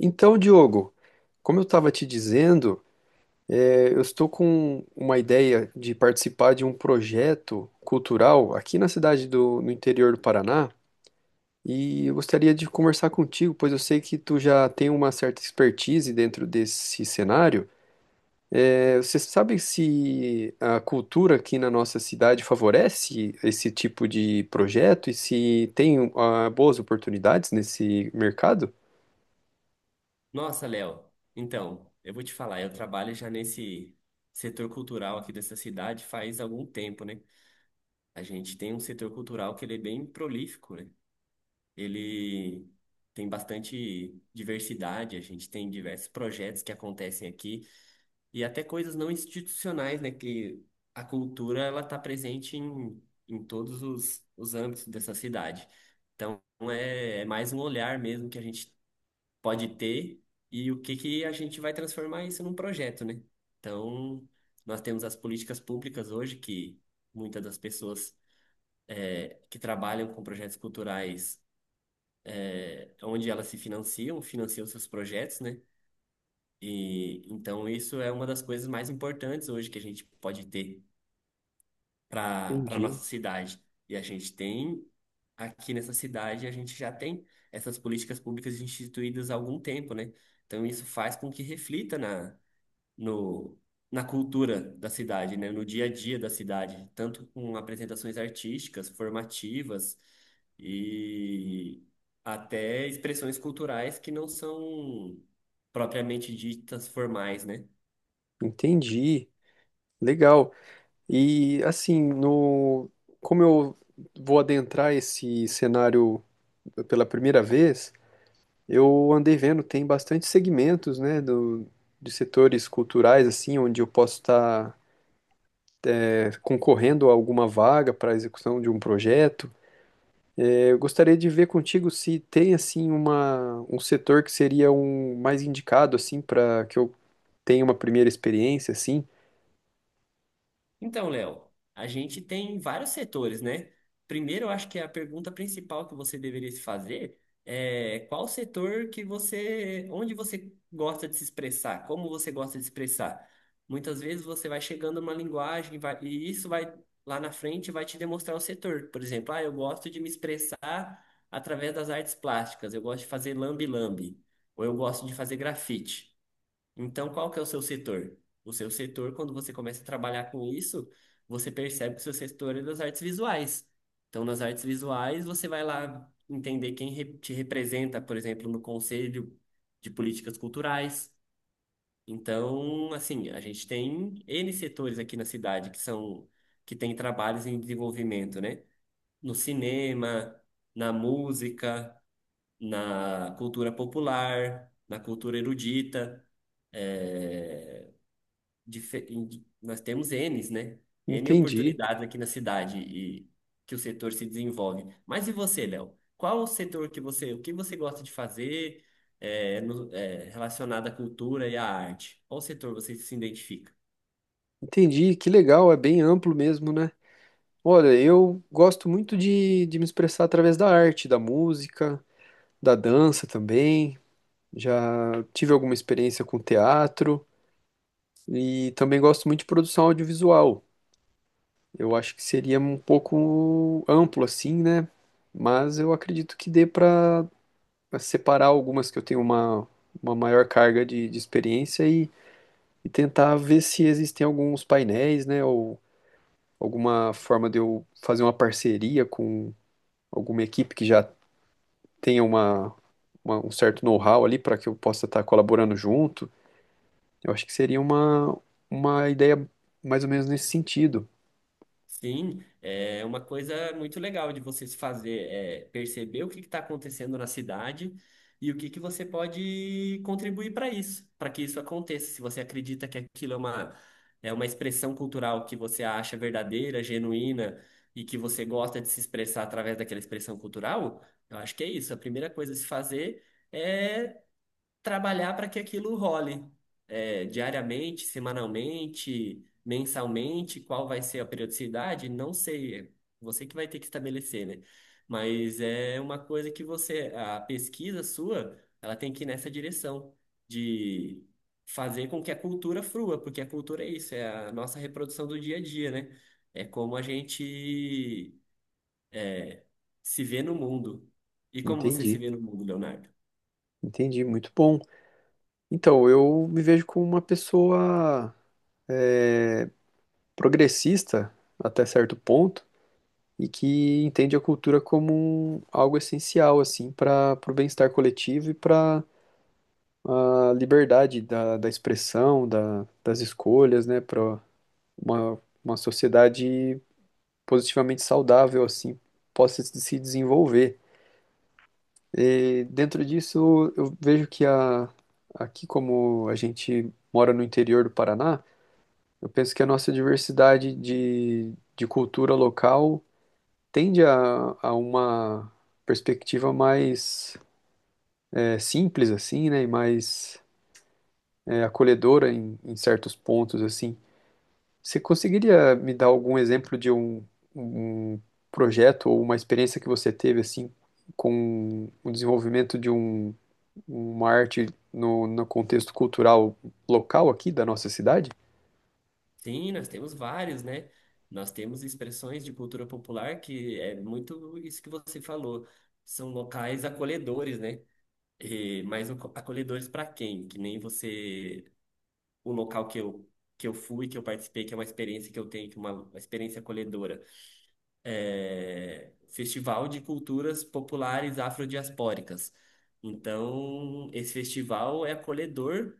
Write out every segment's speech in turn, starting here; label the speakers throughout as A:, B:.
A: Então, Diogo, como eu estava te dizendo, eu estou com uma ideia de participar de um projeto cultural aqui na no interior do Paraná e eu gostaria de conversar contigo, pois eu sei que tu já tem uma certa expertise dentro desse cenário. Você sabe se a cultura aqui na nossa cidade favorece esse tipo de projeto e se tem, ah, boas oportunidades nesse mercado?
B: Nossa, Léo, então, eu vou te falar, eu trabalho já nesse setor cultural aqui dessa cidade faz algum tempo, né? A gente tem um setor cultural que ele é bem prolífico, né? Ele tem bastante diversidade, a gente tem diversos projetos que acontecem aqui e até coisas não institucionais, né? Que a cultura, ela tá presente em todos os âmbitos dessa cidade. Então, é mais um olhar mesmo que a gente pode ter e o que que a gente vai transformar isso num projeto, né? Então, nós temos as políticas públicas hoje que muitas das pessoas que trabalham com projetos culturais, onde elas se financiam, financiam seus projetos, né? E então isso é uma das coisas mais importantes hoje que a gente pode ter para
A: Entendi.
B: nossa cidade. E a gente tem aqui nessa cidade, a gente já tem essas políticas públicas instituídas há algum tempo, né? Então isso faz com que reflita na no, na cultura da cidade, né? No dia a dia da cidade, tanto com apresentações artísticas, formativas e até expressões culturais que não são propriamente ditas formais, né?
A: Entendi. Legal. E assim, no como eu vou adentrar esse cenário pela primeira vez, eu andei vendo, tem bastante segmentos, né, de setores culturais assim, onde eu posso estar concorrendo a alguma vaga para a execução de um projeto. É, eu gostaria de ver contigo se tem assim uma um setor que seria um mais indicado assim para que eu tenha uma primeira experiência assim.
B: Então, Léo, a gente tem vários setores, né? Primeiro, eu acho que a pergunta principal que você deveria se fazer é qual setor que você, onde você gosta de se expressar, como você gosta de se expressar. Muitas vezes você vai chegando numa linguagem e isso vai lá na frente vai te demonstrar o setor. Por exemplo, ah, eu gosto de me expressar através das artes plásticas, eu gosto de fazer lambe-lambe, ou eu gosto de fazer grafite. Então, qual que é o seu setor? O seu setor, quando você começa a trabalhar com isso, você percebe que o seu setor é das artes visuais. Então, nas artes visuais, você vai lá entender quem te representa, por exemplo, no Conselho de Políticas Culturais. Então, assim, a gente tem N setores aqui na cidade que tem trabalhos em desenvolvimento, né? No cinema, na música, na cultura popular, na cultura erudita. eh, Nós temos Ns, né? N
A: Entendi.
B: oportunidades aqui na cidade e que o setor se desenvolve. Mas e você, Léo? Qual o setor que você, o que você gosta de fazer é, relacionado à cultura e à arte? Qual setor você se identifica?
A: Entendi, que legal, é bem amplo mesmo, né? Olha, eu gosto muito de me expressar através da arte, da música, da dança também. Já tive alguma experiência com teatro e também gosto muito de produção audiovisual. Eu acho que seria um pouco amplo assim, né? Mas eu acredito que dê para separar algumas que eu tenho uma maior carga de experiência e tentar ver se existem alguns painéis, né? Ou alguma forma de eu fazer uma parceria com alguma equipe que já tenha um certo know-how ali para que eu possa estar colaborando junto, eu acho que seria uma ideia mais ou menos nesse sentido.
B: Sim, é uma coisa muito legal de vocês fazer, é perceber o que está acontecendo na cidade e o que que você pode contribuir para isso, para que isso aconteça. Se você acredita que aquilo é uma, expressão cultural que você acha verdadeira, genuína e que você gosta de se expressar através daquela expressão cultural, eu acho que é isso. A primeira coisa a se fazer é trabalhar para que aquilo role, diariamente, semanalmente, mensalmente, qual vai ser a periodicidade, não sei, é você que vai ter que estabelecer, né? Mas é uma coisa que você, a pesquisa sua, ela tem que ir nessa direção de fazer com que a cultura frua, porque a cultura é isso, é a nossa reprodução do dia a dia, né? É como a gente é, se vê no mundo. E como você se
A: Entendi,
B: vê no mundo, Leonardo?
A: entendi, muito bom. Então, eu me vejo como uma pessoa é, progressista até certo ponto e que entende a cultura como algo essencial assim para o bem-estar coletivo e para a liberdade da expressão, das escolhas, né, para uma sociedade positivamente saudável, assim, possa se desenvolver. E dentro disso, eu vejo que aqui, como a gente mora no interior do Paraná, eu penso que a nossa diversidade de cultura local tende a uma perspectiva mais simples, assim, né, e mais acolhedora em certos pontos, assim. Você conseguiria me dar algum exemplo de um projeto ou uma experiência que você teve assim com o desenvolvimento de uma arte no contexto cultural local aqui da nossa cidade?
B: Sim, nós temos vários, né? Nós temos expressões de cultura popular que é muito isso que você falou. São locais acolhedores, né? E, mas acolhedores para quem? Que nem você, o local que eu, fui, que eu participei, que é uma experiência que eu tenho, que é uma experiência acolhedora. Festival de Culturas Populares Afrodiaspóricas. Então, esse festival é acolhedor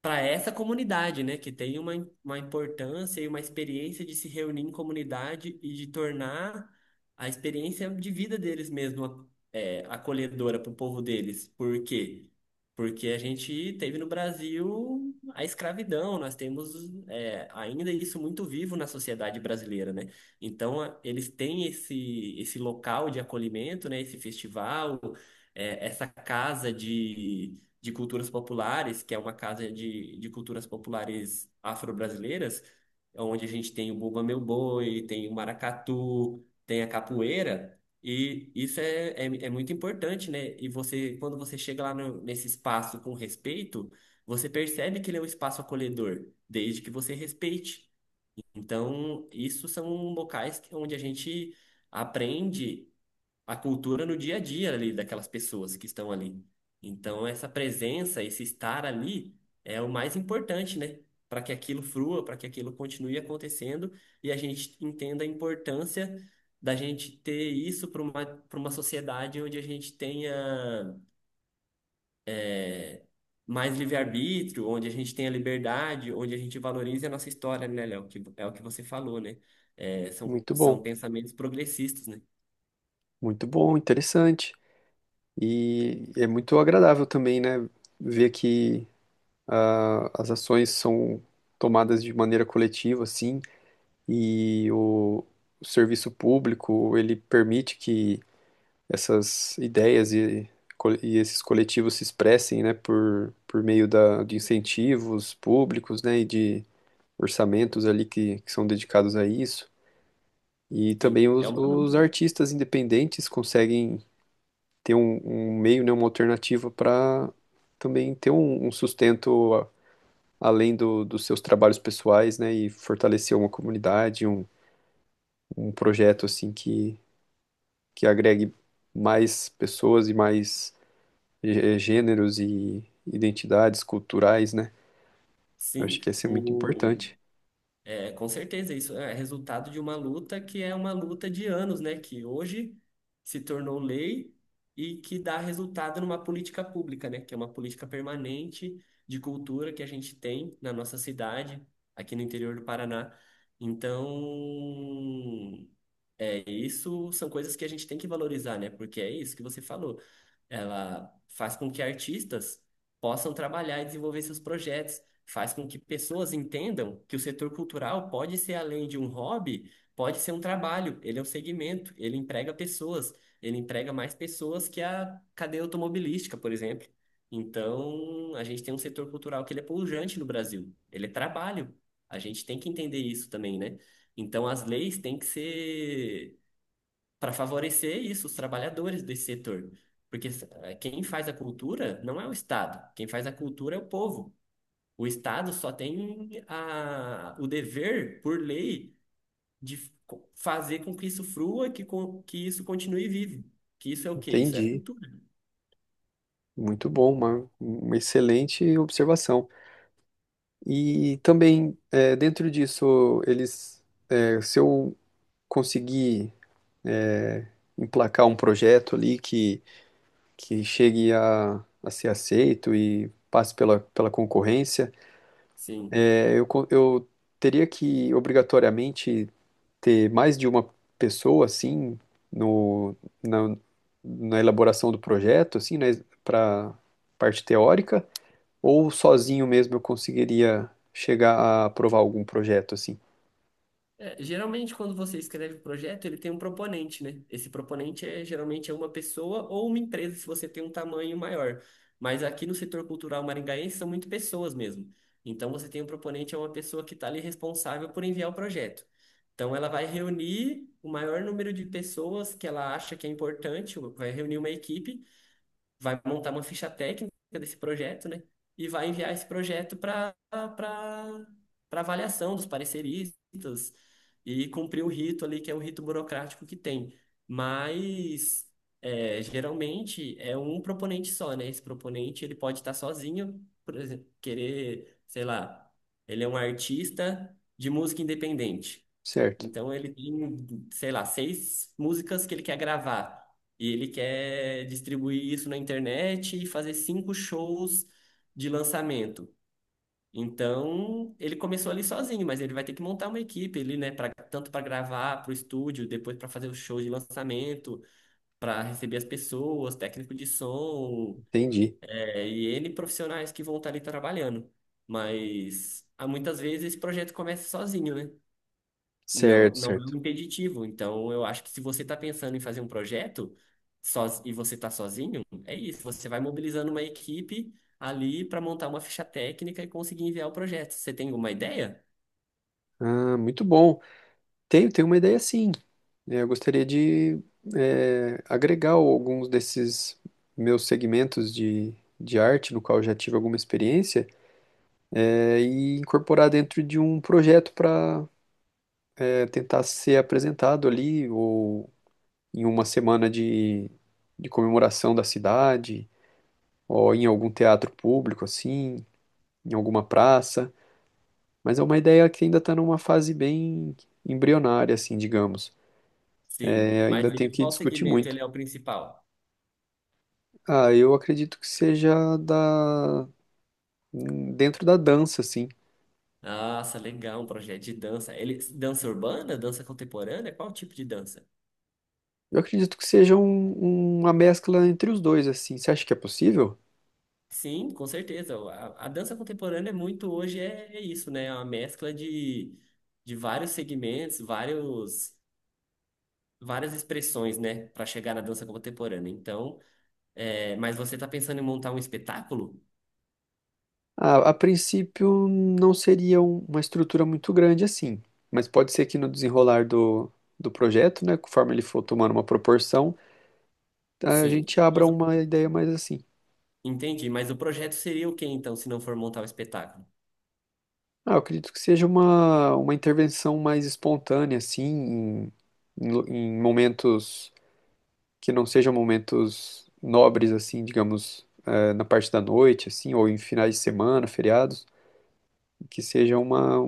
B: para essa comunidade, né, que tem uma importância e uma experiência de se reunir em comunidade e de tornar a experiência de vida deles mesmo, acolhedora para o povo deles. Por quê? Porque a gente teve no Brasil a escravidão, nós temos, ainda isso muito vivo na sociedade brasileira, né? Então, eles têm esse local de acolhimento, né, esse festival, essa casa de culturas populares, que é uma casa de culturas populares afro-brasileiras, é onde a gente tem o Bumba Meu Boi, tem o maracatu, tem a capoeira, e isso é muito importante, né? E você, quando você chega lá nesse espaço com respeito, você percebe que ele é um espaço acolhedor, desde que você respeite. Então, isso são locais onde a gente aprende a cultura no dia a dia ali daquelas pessoas que estão ali. Então, essa presença, esse estar ali é o mais importante, né? Para que aquilo frua, para que aquilo continue acontecendo e a gente entenda a importância da gente ter isso para uma, sociedade onde a gente tenha mais livre-arbítrio, onde a gente tenha liberdade, onde a gente valorize a nossa história, né, Léo? Que é o que você falou, né? São,
A: Muito
B: são
A: bom,
B: pensamentos progressistas, né?
A: muito bom, interessante. E é muito agradável também, né, ver que ah, as ações são tomadas de maneira coletiva, assim, e o serviço público, ele permite que essas ideias e esses coletivos se expressem, né, por meio de incentivos públicos, né, e de orçamentos ali que são dedicados a isso. E
B: Sim,
A: também
B: é uma
A: os
B: luta, né?
A: artistas independentes conseguem ter um meio, né, uma alternativa para também ter um sustento além dos seus trabalhos pessoais, né, e fortalecer uma comunidade, um projeto assim que agregue mais pessoas e mais gêneros e identidades culturais, né? Eu acho
B: Sim,
A: que ia ser muito
B: o,
A: importante.
B: Com certeza, isso é resultado de uma luta que é uma luta de anos, né? Que hoje se tornou lei e que dá resultado numa política pública, né? Que é uma política permanente de cultura que a gente tem na nossa cidade, aqui no interior do Paraná. Então, isso são coisas que a gente tem que valorizar, né? Porque é isso que você falou, ela faz com que artistas possam trabalhar e desenvolver seus projetos, faz com que pessoas entendam que o setor cultural pode ser além de um hobby, pode ser um trabalho, ele é um segmento, ele emprega pessoas, ele emprega mais pessoas que a cadeia automobilística, por exemplo. Então, a gente tem um setor cultural que ele é pujante no Brasil, ele é trabalho. A gente tem que entender isso também, né? Então, as leis têm que ser para favorecer isso, os trabalhadores desse setor. Porque, quem faz a cultura não é o Estado, quem faz a cultura é o povo. O Estado só tem o dever, por lei, de fazer com que isso frua, que isso continue vivo. Que isso é o quê? Isso é a
A: Entendi.
B: cultura.
A: Muito bom, uma excelente observação. E também, é, dentro disso, eles, é, se eu conseguir, é, emplacar um projeto ali que chegue a ser aceito e passe pela concorrência,
B: Sim.
A: é, eu teria que obrigatoriamente ter mais de uma pessoa assim no, na, na elaboração do projeto, assim, né, para parte teórica, ou sozinho mesmo eu conseguiria chegar a aprovar algum projeto assim.
B: Geralmente, quando você escreve o projeto, ele tem um proponente, né? Esse proponente é geralmente uma pessoa ou uma empresa, se você tem um tamanho maior. Mas aqui no setor cultural maringaense são muito pessoas mesmo. Então, você tem um proponente, é uma pessoa que está ali responsável por enviar o projeto. Então, ela vai reunir o maior número de pessoas que ela acha que é importante, vai reunir uma equipe, vai montar uma ficha técnica desse projeto, né? E vai enviar esse projeto para avaliação dos pareceristas e cumprir o rito ali, que é o rito burocrático que tem. Mas, geralmente é um proponente só, né? Esse proponente ele pode estar sozinho, por exemplo, querer, sei lá, ele é um artista de música independente.
A: Certo,
B: Então ele tem, sei lá, 6 músicas que ele quer gravar. E ele quer distribuir isso na internet e fazer 5 shows de lançamento. Então, ele começou ali sozinho, mas ele vai ter que montar uma equipe ali, né, pra, tanto para gravar para o estúdio, depois para fazer os shows de lançamento, para receber as pessoas, técnico de som,
A: entendi.
B: e N profissionais que vão estar ali trabalhando. Mas há muitas vezes esse projeto começa sozinho, né?
A: Certo,
B: Não, não é
A: certo.
B: um impeditivo. Então, eu acho que se você está pensando em fazer um projeto e você está sozinho, é isso. Você vai mobilizando uma equipe ali para montar uma ficha técnica e conseguir enviar o projeto. Você tem alguma ideia?
A: Ah, muito bom. Tenho, tenho uma ideia sim. É, eu gostaria de agregar alguns desses meus segmentos de arte, no qual eu já tive alguma experiência, é, e incorporar dentro de um projeto para tentar ser apresentado ali, ou em uma semana de comemoração da cidade, ou em algum teatro público, assim, em alguma praça. Mas é uma ideia que ainda está numa fase bem embrionária, assim, digamos.
B: Sim.
A: É,
B: Mas
A: ainda tenho
B: ele,
A: que
B: qual
A: discutir
B: segmento
A: muito.
B: ele é o principal?
A: Ah, eu acredito que seja da dentro da dança, assim.
B: Nossa, legal, um projeto de dança. Ele, dança urbana, dança contemporânea? Qual tipo de dança?
A: Eu acredito que seja uma mescla entre os dois, assim. Você acha que é possível?
B: Sim, com certeza. A dança contemporânea é muito hoje, é isso, né? É uma mescla de vários segmentos, vários. Várias expressões, né, para chegar na dança contemporânea. Então, mas você está pensando em montar um espetáculo?
A: A princípio não seria uma estrutura muito grande assim, mas pode ser que no desenrolar do projeto, né, conforme ele for tomando uma proporção, a
B: Sim.
A: gente abra
B: Mas
A: uma ideia mais assim.
B: entendi. Mas o projeto seria o quê, então, se não for montar um espetáculo?
A: Ah, eu acredito que seja uma intervenção mais espontânea, assim, em em momentos que não sejam momentos nobres, assim, digamos, na parte da noite, assim, ou em finais de semana, feriados, que seja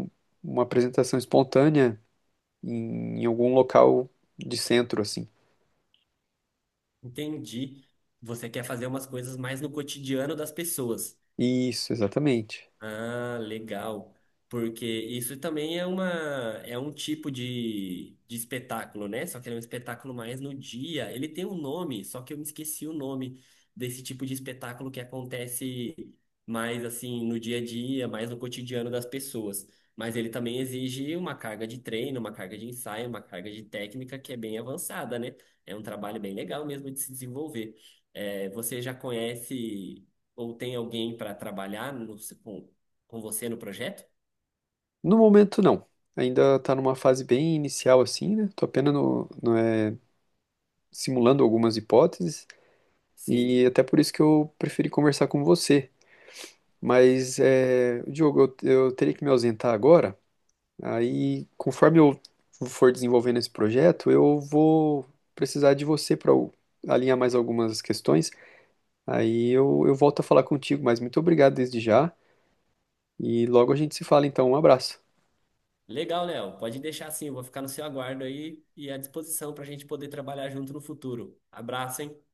A: uma apresentação espontânea em algum local de centro, assim.
B: Entendi. Você quer fazer umas coisas mais no cotidiano das pessoas.
A: Isso, exatamente.
B: Ah, legal. Porque isso também é uma é um tipo de espetáculo, né? Só que ele é um espetáculo mais no dia. Ele tem um nome, só que eu me esqueci o nome desse tipo de espetáculo que acontece mais assim no dia a dia, mais no cotidiano das pessoas. Mas ele também exige uma carga de treino, uma carga de ensaio, uma carga de técnica que é bem avançada, né? É um trabalho bem legal mesmo de se desenvolver. Você já conhece ou tem alguém para trabalhar com você no projeto?
A: No momento, não. Ainda está numa fase bem inicial, assim, né? Tô apenas no, no, é, simulando algumas hipóteses
B: Sim.
A: e até por isso que eu preferi conversar com você. Mas, é, Diogo, eu teria que me ausentar agora. Aí, conforme eu for desenvolvendo esse projeto, eu vou precisar de você para alinhar mais algumas questões. Aí eu volto a falar contigo, mas muito obrigado desde já. E logo a gente se fala, então. Um abraço.
B: Legal, Léo. Pode deixar assim, eu vou ficar no seu aguardo aí e à disposição para a gente poder trabalhar junto no futuro. Abraço, hein?